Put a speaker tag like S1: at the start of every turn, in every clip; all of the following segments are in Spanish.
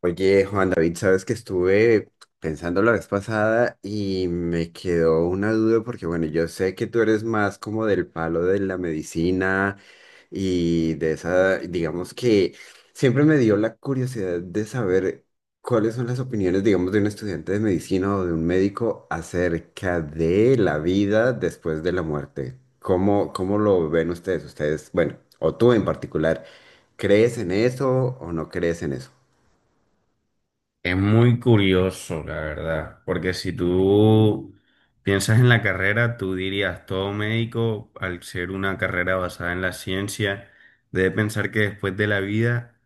S1: Oye, Juan David, sabes que estuve pensando la vez pasada y me quedó una duda porque, bueno, yo sé que tú eres más como del palo de la medicina y de esa, digamos que siempre me dio la curiosidad de saber cuáles son las opiniones, digamos, de un estudiante de medicina o de un médico acerca de la vida después de la muerte. ¿Cómo, cómo lo ven ustedes? Ustedes, bueno, o tú en particular, ¿crees en eso o no crees en eso?
S2: Es muy curioso, la verdad, porque si tú piensas en la carrera, tú dirías, todo médico, al ser una carrera basada en la ciencia, debe pensar que después de la vida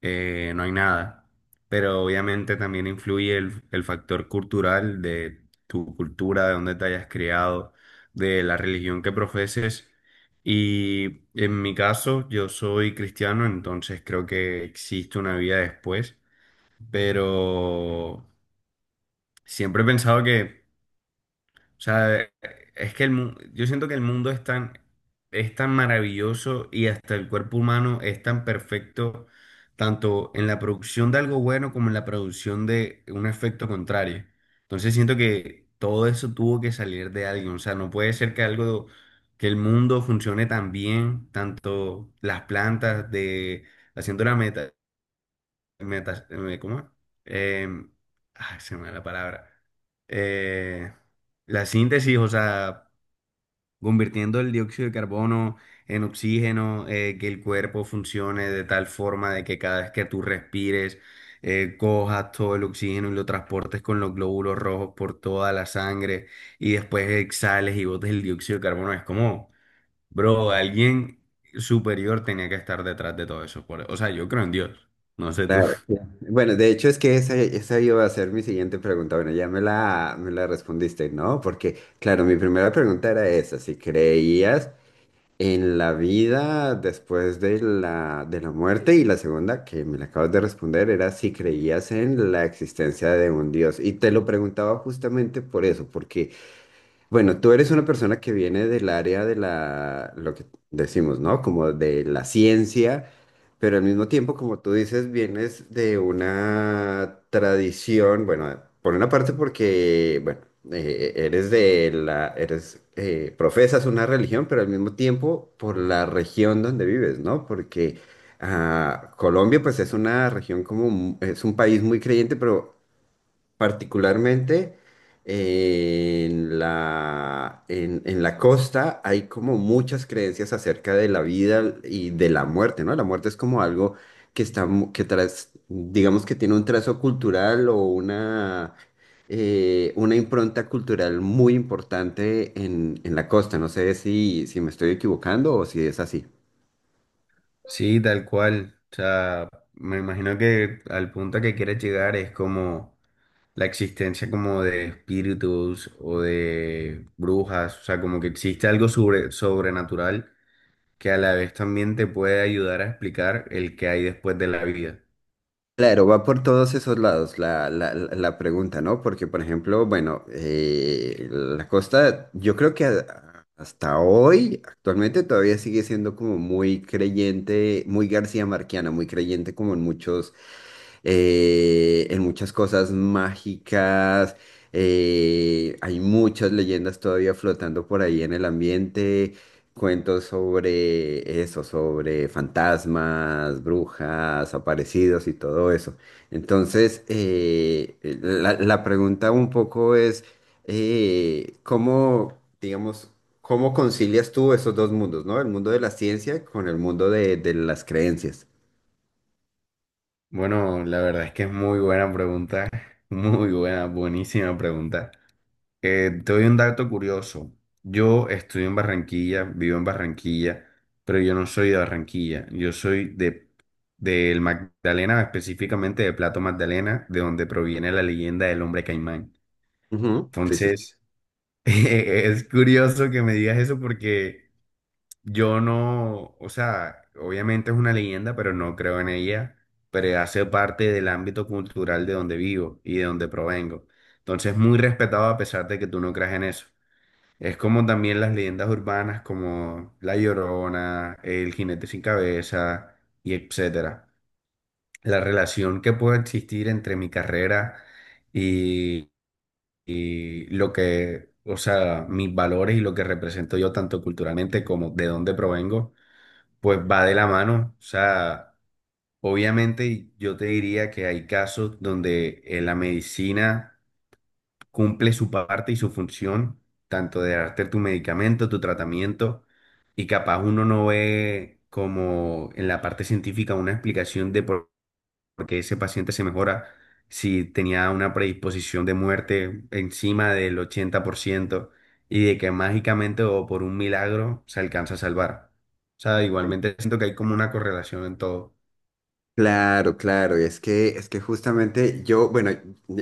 S2: no hay nada, pero obviamente también influye el factor cultural de tu cultura, de dónde te hayas criado, de la religión que profeses. Y en mi caso, yo soy cristiano, entonces creo que existe una vida después, pero siempre he pensado que, o sea, es que yo siento que el mundo es tan maravilloso y hasta el cuerpo humano es tan perfecto, tanto en la producción de algo bueno como en la producción de un efecto contrario. Entonces siento que todo eso tuvo que salir de alguien, o sea, no puede ser que algo, que el mundo funcione tan bien, tanto las plantas de... Haciendo la meta, ¿cómo es? Em, Ay, se me va la palabra. Eh, la síntesis, o sea, convirtiendo el dióxido de carbono en oxígeno, que el cuerpo funcione de tal forma de que cada vez que tú respires, cojas todo el oxígeno y lo transportes con los glóbulos rojos por toda la sangre y después exhales y botes el dióxido de carbono. Es como, bro, alguien superior tenía que estar detrás de todo eso. O sea, yo creo en Dios. No sé tú.
S1: Claro, sí. Bueno, de hecho es que esa iba a ser mi siguiente pregunta. Bueno, ya me la respondiste, ¿no? Porque, claro, mi primera pregunta era esa, si creías en la vida después de la muerte y la segunda que me la acabas de responder era si creías en la existencia de un Dios. Y te lo preguntaba justamente por eso, porque... Bueno, tú eres una persona que viene del área de la, lo que decimos, ¿no? Como de la ciencia, pero al mismo tiempo, como tú dices, vienes de una tradición, bueno, por una parte porque, bueno, eres de la, eres, profesas una religión, pero al mismo tiempo por la región donde vives, ¿no? Porque ah, Colombia, pues es una región como, mu- es un país muy creyente, pero particularmente en la costa hay como muchas creencias acerca de la vida y de la muerte, ¿no? La muerte es como algo que está, mu- que tras, digamos que tiene un trazo cultural o una impronta cultural muy importante en la costa. No sé si, si me estoy equivocando o si es así.
S2: Sí, tal cual. O sea, me imagino que al punto que quieres llegar es como la existencia como de espíritus o de brujas. O sea, como que existe algo sobrenatural que a la vez también te puede ayudar a explicar el que hay después de la vida.
S1: Claro, va por todos esos lados la, la- la- la pregunta, ¿no? Porque, por ejemplo, bueno, la costa, yo creo que a- hasta hoy, actualmente, todavía sigue siendo como muy creyente, muy García Marquiana, muy creyente como en muchos, en muchas cosas mágicas. Hay muchas leyendas todavía flotando por ahí en el ambiente, cuentos sobre eso, sobre fantasmas, brujas, aparecidos y todo eso. Entonces, la, la pregunta un poco es, ¿cómo, digamos, cómo concilias tú esos dos mundos, ¿no? El mundo de la ciencia con el mundo de las creencias.
S2: Bueno, la verdad es que es muy buena pregunta. Muy buena, buenísima pregunta. Te doy un dato curioso. Yo estudio en Barranquilla, vivo en Barranquilla, pero yo no soy de Barranquilla. Yo soy de del Magdalena, específicamente de Plato Magdalena, de donde proviene la leyenda del hombre caimán.
S1: Ujú. Sí, sí.
S2: Entonces, es curioso que me digas eso porque yo no, o sea, obviamente es una leyenda, pero no creo en ella, pero hace parte del ámbito cultural de donde vivo y de donde provengo. Entonces, muy respetado a pesar de que tú no creas en eso. Es como también las leyendas urbanas como La Llorona, El Jinete Sin Cabeza y etcétera. La relación que puede existir entre mi carrera y, y lo que, o sea, mis valores y lo que represento yo tanto culturalmente como de dónde provengo, pues va de la mano. O sea, obviamente yo te diría que hay casos donde la medicina cumple su parte y su función, tanto de darte tu medicamento, tu tratamiento, y capaz uno no ve como en la parte científica una explicación de por qué ese paciente se mejora si tenía una predisposición de muerte encima del 80% y de que mágicamente o por un milagro se alcanza a salvar. O sea, igualmente siento que hay como una correlación en todo.
S1: Claro, claro, y es que justamente yo, bueno,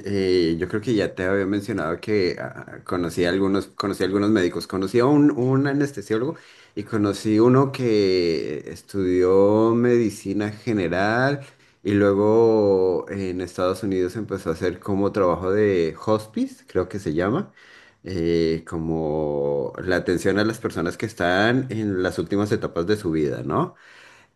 S1: yo creo que ya te había mencionado que ah, ah, conocí a algunos médicos, conocí a un anestesiólogo y conocí uno que estudió medicina general y luego en Estados Unidos empezó a hacer como trabajo de hospice, creo que se llama, como la atención a las personas que están en las últimas etapas de su vida, ¿no?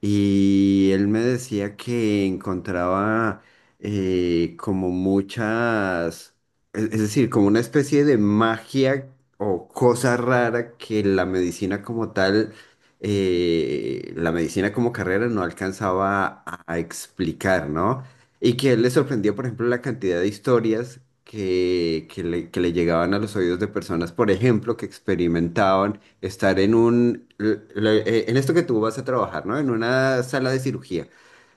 S1: Y él me decía que encontraba como muchas, es decir, como una especie de magia o cosa rara que la medicina como tal, la medicina como carrera no alcanzaba a explicar, ¿no? Y que le sorprendió, por ejemplo, la cantidad de historias que le llegaban a los oídos de personas, por ejemplo, que experimentaban estar en un, l- l- en esto que tú vas a trabajar, ¿no? En una sala de cirugía.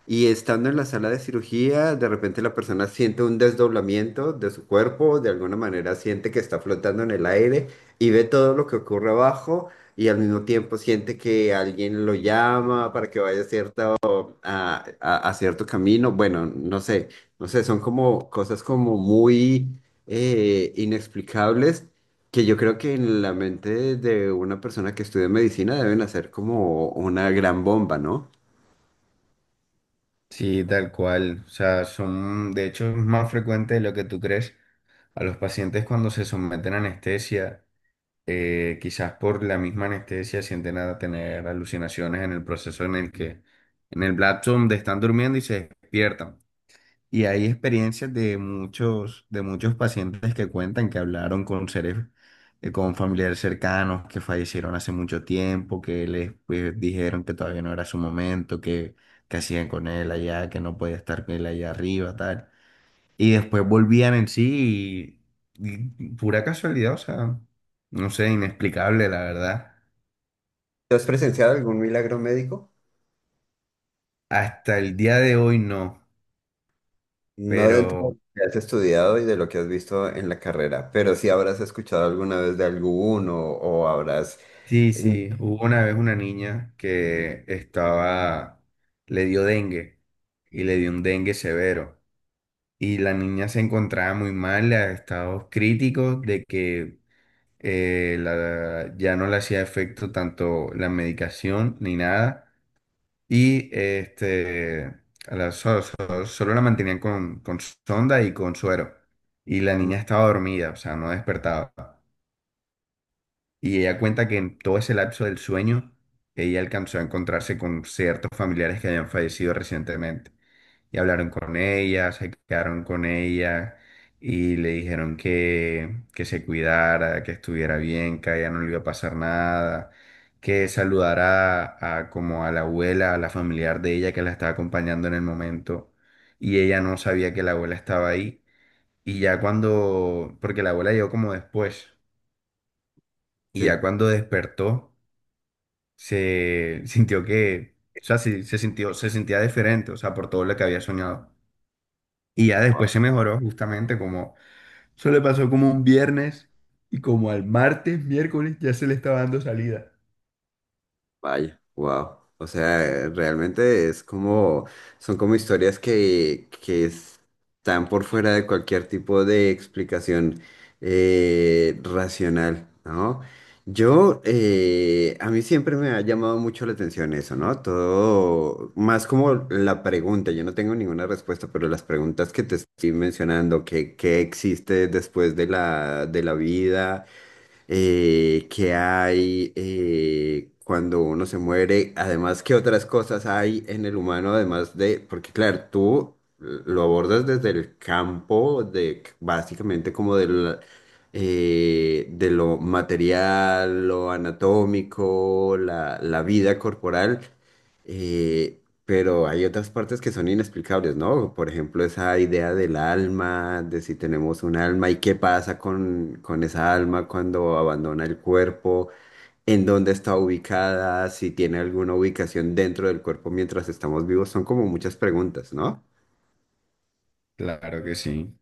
S1: Y estando en la sala de cirugía, de repente la persona siente un desdoblamiento de su cuerpo, de alguna manera siente que está flotando en el aire y ve todo lo que ocurre abajo y al mismo tiempo siente que alguien lo llama para que vaya a cierta a cierto camino. Bueno, no sé, no sé, son como cosas como muy inexplicables, que yo creo que en la mente de una persona que estudia medicina deben hacer como una gran bomba, ¿no?
S2: Sí, tal cual. O sea, son, de hecho, es más frecuente de lo que tú crees. A los pacientes cuando se someten a anestesia, quizás por la misma anestesia sienten a tener alucinaciones en el proceso en el que, en el lapso donde están durmiendo y se despiertan. Y hay experiencias de muchos pacientes que cuentan que hablaron con seres, con familiares cercanos que fallecieron hace mucho tiempo, que les pues, dijeron que todavía no era su momento, que hacían con él allá, que no podía estar con él allá arriba, tal. Y después volvían en sí y pura casualidad, o sea, no sé, inexplicable, la verdad.
S1: ¿Tú has presenciado algún milagro médico?
S2: Hasta el día de hoy no,
S1: No dentro de
S2: pero...
S1: lo que has estudiado y de lo que has visto en la carrera, pero sí habrás escuchado alguna vez de alguno o habrás...
S2: Sí, sí, hubo una vez una niña que estaba, le dio dengue y le dio un dengue severo. Y la niña se encontraba muy mal, a estados críticos de que ya no le hacía efecto tanto la medicación ni nada. Y este, a la- so- so- solo la mantenían con sonda y con suero. Y la
S1: Ujú.
S2: niña estaba dormida, o sea, no despertaba. Y ella cuenta que en todo ese lapso del sueño, ella alcanzó a encontrarse con ciertos familiares que habían fallecido recientemente. Y hablaron con ella, se quedaron con ella y le dijeron que se cuidara, que estuviera bien, que a ella no le iba a pasar nada, que saludara a como a la abuela, a la familiar de ella que la estaba acompañando en el momento. Y ella no sabía que la abuela estaba ahí. Y ya cuando, porque la abuela llegó como después, y ya
S1: Sí.
S2: cuando despertó, se sintió que, o sea, sí, se sintió, se sentía diferente, o sea, por todo lo que había soñado. Y ya después se mejoró justamente como, eso le pasó como un viernes y como al martes, miércoles, ya se le estaba dando salida.
S1: Vaya, wow. O sea, realmente es como, son como historias que están por fuera de cualquier tipo de explicación racional, ¿no? Yo, a mí siempre me ha llamado mucho la atención eso, ¿no? Todo, más como la pregunta, yo no tengo ninguna respuesta, pero las preguntas que te estoy mencionando, que, ¿qué existe después de la vida? ¿Qué hay cuando uno se muere? Además, ¿qué otras cosas hay en el humano, además de, porque claro, tú lo abordas desde el campo de básicamente como del, de lo material, lo anatómico, la vida corporal. eh, pero hay otras partes que son inexplicables, ¿no? Por ejemplo, esa idea del alma, de si tenemos un alma y qué pasa con esa alma cuando abandona el cuerpo, en dónde está ubicada, si tiene alguna ubicación dentro del cuerpo mientras estamos vivos, son como muchas preguntas, ¿no?
S2: Claro que sí,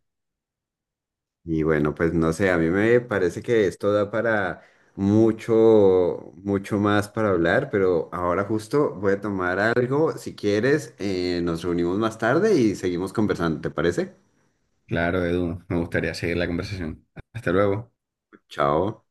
S1: Y bueno, pues no sé, a mí me parece que esto da para mucho, mucho más para hablar, pero ahora justo voy a tomar algo. Si quieres, nos reunimos más tarde y seguimos conversando, ¿te parece?
S2: claro, Edu, me gustaría seguir la conversación. Hasta luego.
S1: Chao.